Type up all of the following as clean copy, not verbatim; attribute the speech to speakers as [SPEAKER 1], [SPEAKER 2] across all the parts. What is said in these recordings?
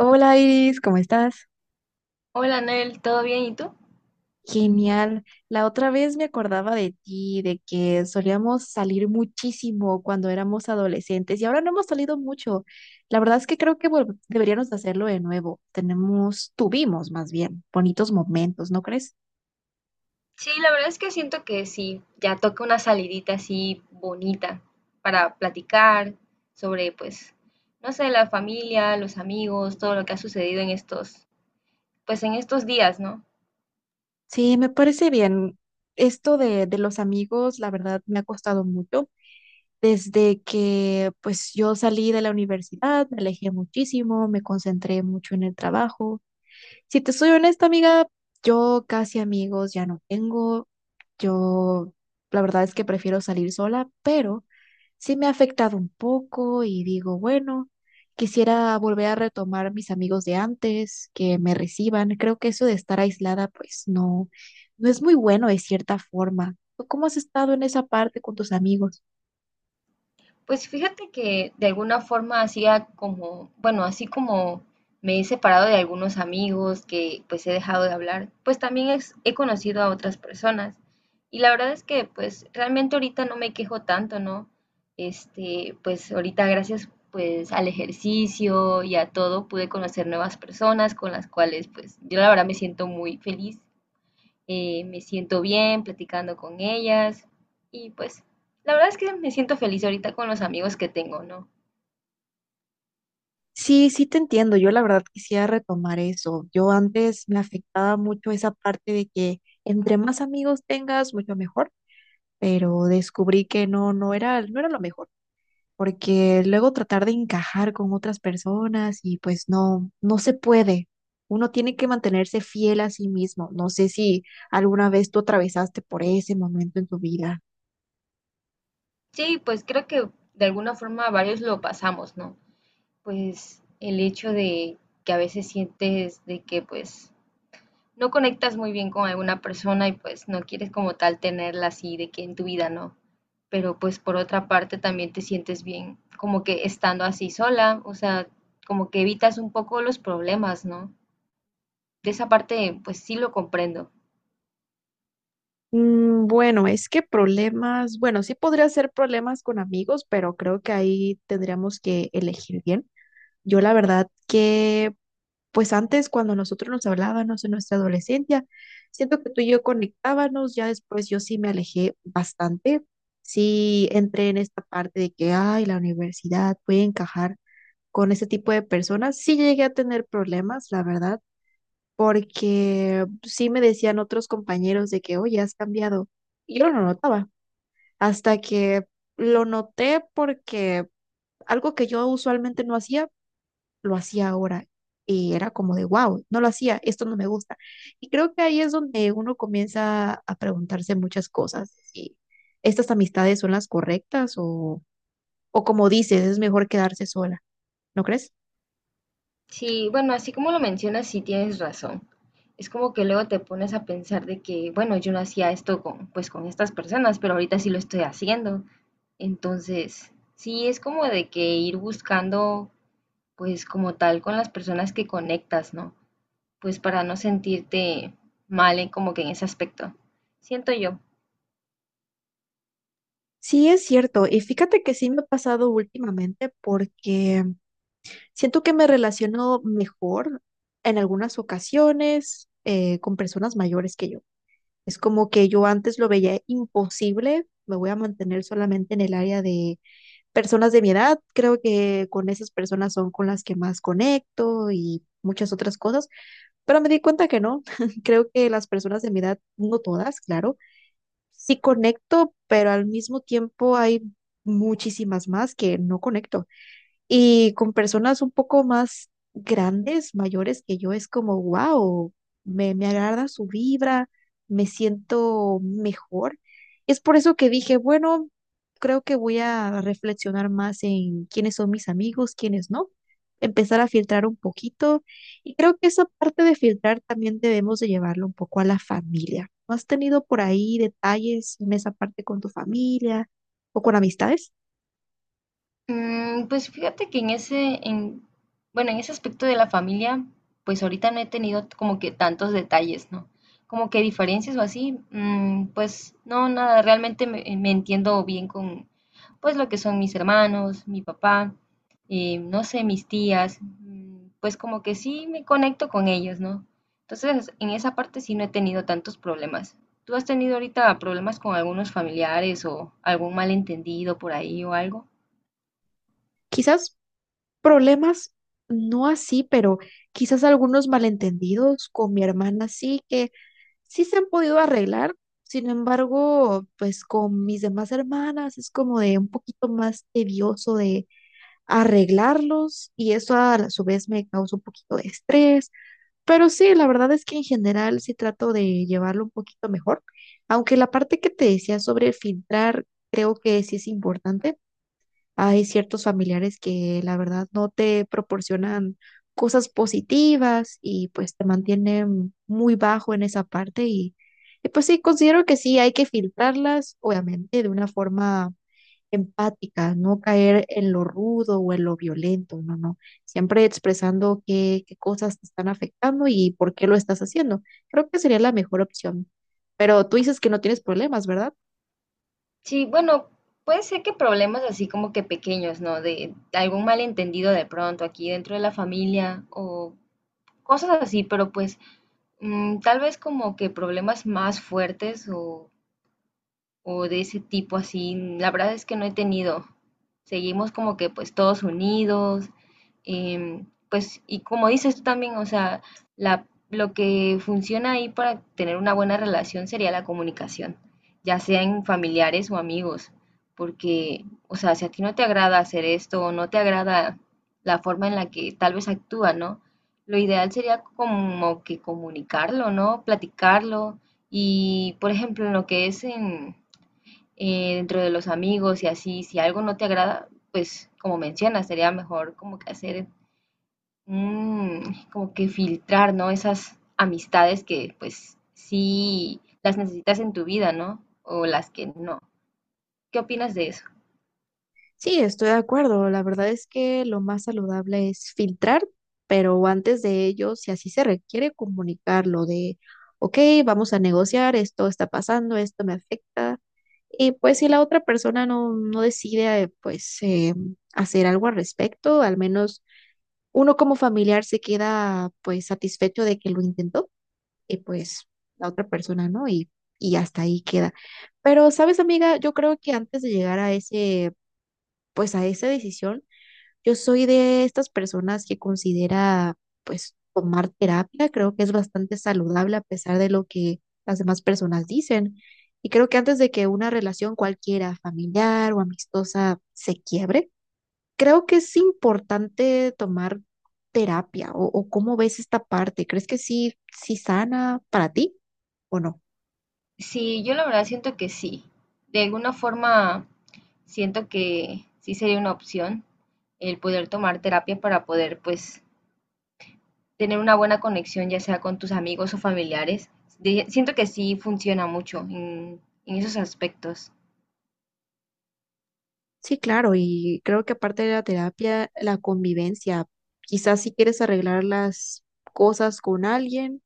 [SPEAKER 1] Hola Iris, ¿cómo estás?
[SPEAKER 2] Hola Noel, ¿todo bien? ¿Y tú?
[SPEAKER 1] Genial. La otra vez me acordaba de ti, de que solíamos salir muchísimo cuando éramos adolescentes y ahora no hemos salido mucho. La verdad es que creo que deberíamos de hacerlo de nuevo. Tenemos, tuvimos más bien, bonitos momentos, ¿no crees?
[SPEAKER 2] Sí, la verdad es que siento que sí, ya toca una salidita así bonita para platicar sobre, pues, no sé, la familia, los amigos, todo lo que ha sucedido en estos, pues en estos días, ¿no?
[SPEAKER 1] Sí, me parece bien. Esto de los amigos, la verdad, me ha costado mucho. Desde que pues yo salí de la universidad, me alejé muchísimo, me concentré mucho en el trabajo. Si te soy honesta, amiga, yo casi amigos ya no tengo. Yo, la verdad es que prefiero salir sola, pero sí me ha afectado un poco y digo, bueno, quisiera volver a retomar mis amigos de antes, que me reciban. Creo que eso de estar aislada, pues no, no es muy bueno de cierta forma. ¿Tú, cómo has estado en esa parte con tus amigos?
[SPEAKER 2] Pues fíjate que de alguna forma hacía como, bueno, así como me he separado de algunos amigos que pues he dejado de hablar, pues también he conocido a otras personas. Y la verdad es que pues realmente ahorita no me quejo tanto, ¿no? Este, pues ahorita gracias pues al ejercicio y a todo pude conocer nuevas personas con las cuales pues yo la verdad me siento muy feliz, me siento bien platicando con ellas y pues la verdad es que me siento feliz ahorita con los amigos que tengo, ¿no?
[SPEAKER 1] Sí, sí te entiendo. Yo la verdad quisiera retomar eso. Yo antes me afectaba mucho esa parte de que entre más amigos tengas, mucho mejor, pero descubrí que no, no era, no era lo mejor, porque luego tratar de encajar con otras personas y pues no, no se puede. Uno tiene que mantenerse fiel a sí mismo. No sé si alguna vez tú atravesaste por ese momento en tu vida.
[SPEAKER 2] Sí, pues creo que de alguna forma varios lo pasamos, ¿no? Pues el hecho de que a veces sientes de que pues no conectas muy bien con alguna persona y pues no quieres como tal tenerla así de que en tu vida, ¿no? Pero pues por otra parte también te sientes bien como que estando así sola, o sea, como que evitas un poco los problemas, ¿no? De esa parte, pues sí lo comprendo.
[SPEAKER 1] Mm, bueno, es que problemas, bueno, sí podría ser problemas con amigos, pero creo que ahí tendríamos que elegir bien. Yo la verdad que, pues antes cuando nosotros nos hablábamos en nuestra adolescencia, siento que tú y yo conectábamos, ya después yo sí me alejé bastante, sí entré en esta parte de que, ay, la universidad puede encajar con ese tipo de personas, sí llegué a tener problemas, la verdad, porque sí me decían otros compañeros de que, oye, has cambiado. Y yo no lo notaba, hasta que lo noté porque algo que yo usualmente no hacía, lo hacía ahora. Y era como de, wow, no lo hacía, esto no me gusta. Y creo que ahí es donde uno comienza a preguntarse muchas cosas, si estas amistades son las correctas o como dices, es mejor quedarse sola, ¿no crees?
[SPEAKER 2] Sí, bueno, así como lo mencionas, sí tienes razón. Es como que luego te pones a pensar de que, bueno, yo no hacía esto con, pues con estas personas, pero ahorita sí lo estoy haciendo. Entonces, sí es como de que ir buscando, pues como tal, con las personas que conectas, ¿no? Pues para no sentirte mal en, como que en ese aspecto. Siento yo.
[SPEAKER 1] Sí, es cierto. Y fíjate que sí me ha pasado últimamente porque siento que me relaciono mejor en algunas ocasiones con personas mayores que yo. Es como que yo antes lo veía imposible, me voy a mantener solamente en el área de personas de mi edad. Creo que con esas personas son con las que más conecto y muchas otras cosas, pero me di cuenta que no. Creo que las personas de mi edad, no todas, claro, sí conecto, pero al mismo tiempo hay muchísimas más que no conecto. Y con personas un poco más grandes, mayores que yo, es como, wow, me agrada su vibra, me siento mejor. Es por eso que dije, bueno, creo que voy a reflexionar más en quiénes son mis amigos, quiénes no, empezar a filtrar un poquito. Y creo que esa parte de filtrar también debemos de llevarlo un poco a la familia. ¿No has tenido por ahí detalles en esa parte con tu familia o con amistades?
[SPEAKER 2] Mm, pues fíjate que en ese, en, bueno, en ese aspecto de la familia, pues ahorita no he tenido como que tantos detalles, ¿no? Como que diferencias o así, mm, pues no, nada, realmente me entiendo bien con, pues lo que son mis hermanos, mi papá, no sé, mis tías, mm, pues como que sí me conecto con ellos, ¿no? Entonces, en esa parte sí no he tenido tantos problemas. ¿Tú has tenido ahorita problemas con algunos familiares o algún malentendido por ahí o algo?
[SPEAKER 1] Quizás problemas, no así, pero quizás algunos malentendidos con mi hermana sí que sí se han podido arreglar. Sin embargo, pues con mis demás hermanas es como de un poquito más tedioso de arreglarlos y eso su vez me causa un poquito de estrés. Pero sí, la verdad es que en general sí trato de llevarlo un poquito mejor, aunque la parte que te decía sobre filtrar creo que sí es importante. Hay ciertos familiares que la verdad no te proporcionan cosas positivas y pues te mantienen muy bajo en esa parte y pues sí, considero que sí, hay que filtrarlas, obviamente, de una forma empática, no caer en lo rudo o en lo violento, no, no, siempre expresando qué cosas te están afectando y por qué lo estás haciendo. Creo que sería la mejor opción. Pero tú dices que no tienes problemas, ¿verdad?
[SPEAKER 2] Sí, bueno, puede ser que problemas así como que pequeños, ¿no? De algún malentendido de pronto aquí dentro de la familia o cosas así, pero pues, mm, tal vez como que problemas más fuertes o de ese tipo así, la verdad es que no he tenido. Seguimos como que pues todos unidos, pues y como dices tú también, o sea, lo que funciona ahí para tener una buena relación sería la comunicación, ya sea en familiares o amigos, porque, o sea, si a ti no te agrada hacer esto o no te agrada la forma en la que tal vez actúa, ¿no? Lo ideal sería como que comunicarlo, ¿no? Platicarlo y, por ejemplo, en lo que es en, dentro de los amigos y así, si algo no te agrada, pues como mencionas, sería mejor como que hacer, mm, como que filtrar, ¿no? Esas amistades que pues sí las necesitas en tu vida, ¿no? O las que no. ¿Qué opinas de eso?
[SPEAKER 1] Sí, estoy de acuerdo. La verdad es que lo más saludable es filtrar, pero antes de ello, si así se requiere, comunicarlo de, ok, vamos a negociar, esto está pasando, esto me afecta. Y pues si la otra persona no, no decide, pues hacer algo al respecto, al menos uno como familiar se queda pues satisfecho de que lo intentó y pues la otra persona no, y hasta ahí queda. Pero, ¿sabes, amiga? Yo creo que antes de llegar a ese, pues a esa decisión, yo soy de estas personas que considera, pues, tomar terapia. Creo que es bastante saludable a pesar de lo que las demás personas dicen. Y creo que antes de que una relación cualquiera, familiar o amistosa, se quiebre, creo que es importante tomar terapia. O cómo ves esta parte? ¿Crees que sí, sí sana para ti o no?
[SPEAKER 2] Sí, yo la verdad siento que sí. De alguna forma siento que sí sería una opción el poder tomar terapia para poder pues tener una buena conexión, ya sea con tus amigos o familiares. Siento que sí funciona mucho en esos aspectos.
[SPEAKER 1] Sí, claro. Y creo que aparte de la terapia, la convivencia, quizás si quieres arreglar las cosas con alguien.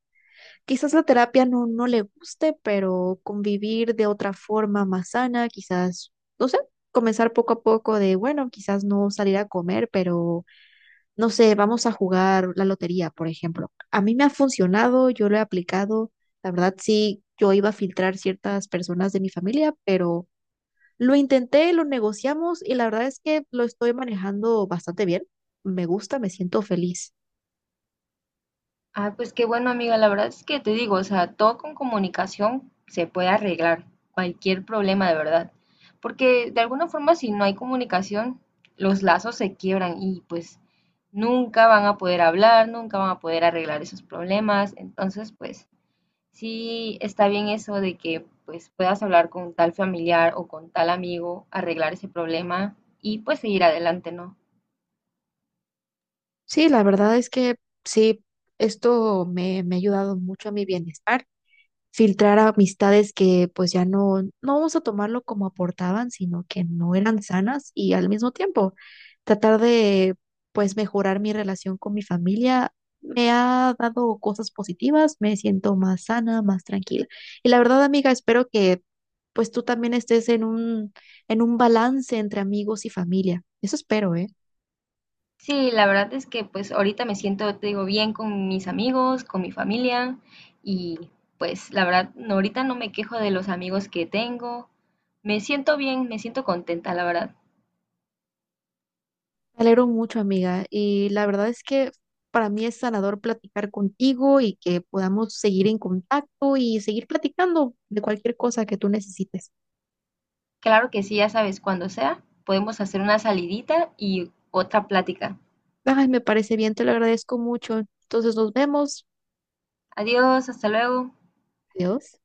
[SPEAKER 1] Quizás la terapia no, no le guste, pero convivir de otra forma más sana, quizás, no sé, comenzar poco a poco de, bueno, quizás no salir a comer, pero no sé, vamos a jugar la lotería, por ejemplo. A mí me ha funcionado, yo lo he aplicado. La verdad, sí, yo iba a filtrar ciertas personas de mi familia, pero lo intenté, lo negociamos y la verdad es que lo estoy manejando bastante bien. Me gusta, me siento feliz.
[SPEAKER 2] Ah, pues qué bueno, amiga. La verdad es que te digo, o sea, todo con comunicación se puede arreglar, cualquier problema de verdad. Porque de alguna forma, si no hay comunicación, los lazos se quiebran y pues nunca van a poder hablar, nunca van a poder arreglar esos problemas. Entonces, pues sí, está bien eso de que pues puedas hablar con tal familiar o con tal amigo, arreglar ese problema y pues seguir adelante, ¿no?
[SPEAKER 1] Sí, la verdad es que sí, esto me ha ayudado mucho a mi bienestar, filtrar amistades que pues ya no, no vamos a tomarlo como aportaban, sino que no eran sanas y al mismo tiempo tratar de pues mejorar mi relación con mi familia. Me ha dado cosas positivas, me siento más sana, más tranquila. Y la verdad, amiga, espero que pues tú también estés en un balance entre amigos y familia. Eso espero, ¿eh?
[SPEAKER 2] Sí, la verdad es que pues ahorita me siento, te digo, bien con mis amigos, con mi familia y pues la verdad no, ahorita no me quejo de los amigos que tengo. Me siento bien, me siento contenta, la verdad.
[SPEAKER 1] Me alegro mucho, amiga, y la verdad es que para mí es sanador platicar contigo y que podamos seguir en contacto y seguir platicando de cualquier cosa que tú necesites.
[SPEAKER 2] Claro que sí, ya sabes, cuando sea, podemos hacer una salidita y otra plática.
[SPEAKER 1] Ay, me parece bien, te lo agradezco mucho. Entonces nos vemos.
[SPEAKER 2] Adiós, hasta luego.
[SPEAKER 1] Adiós.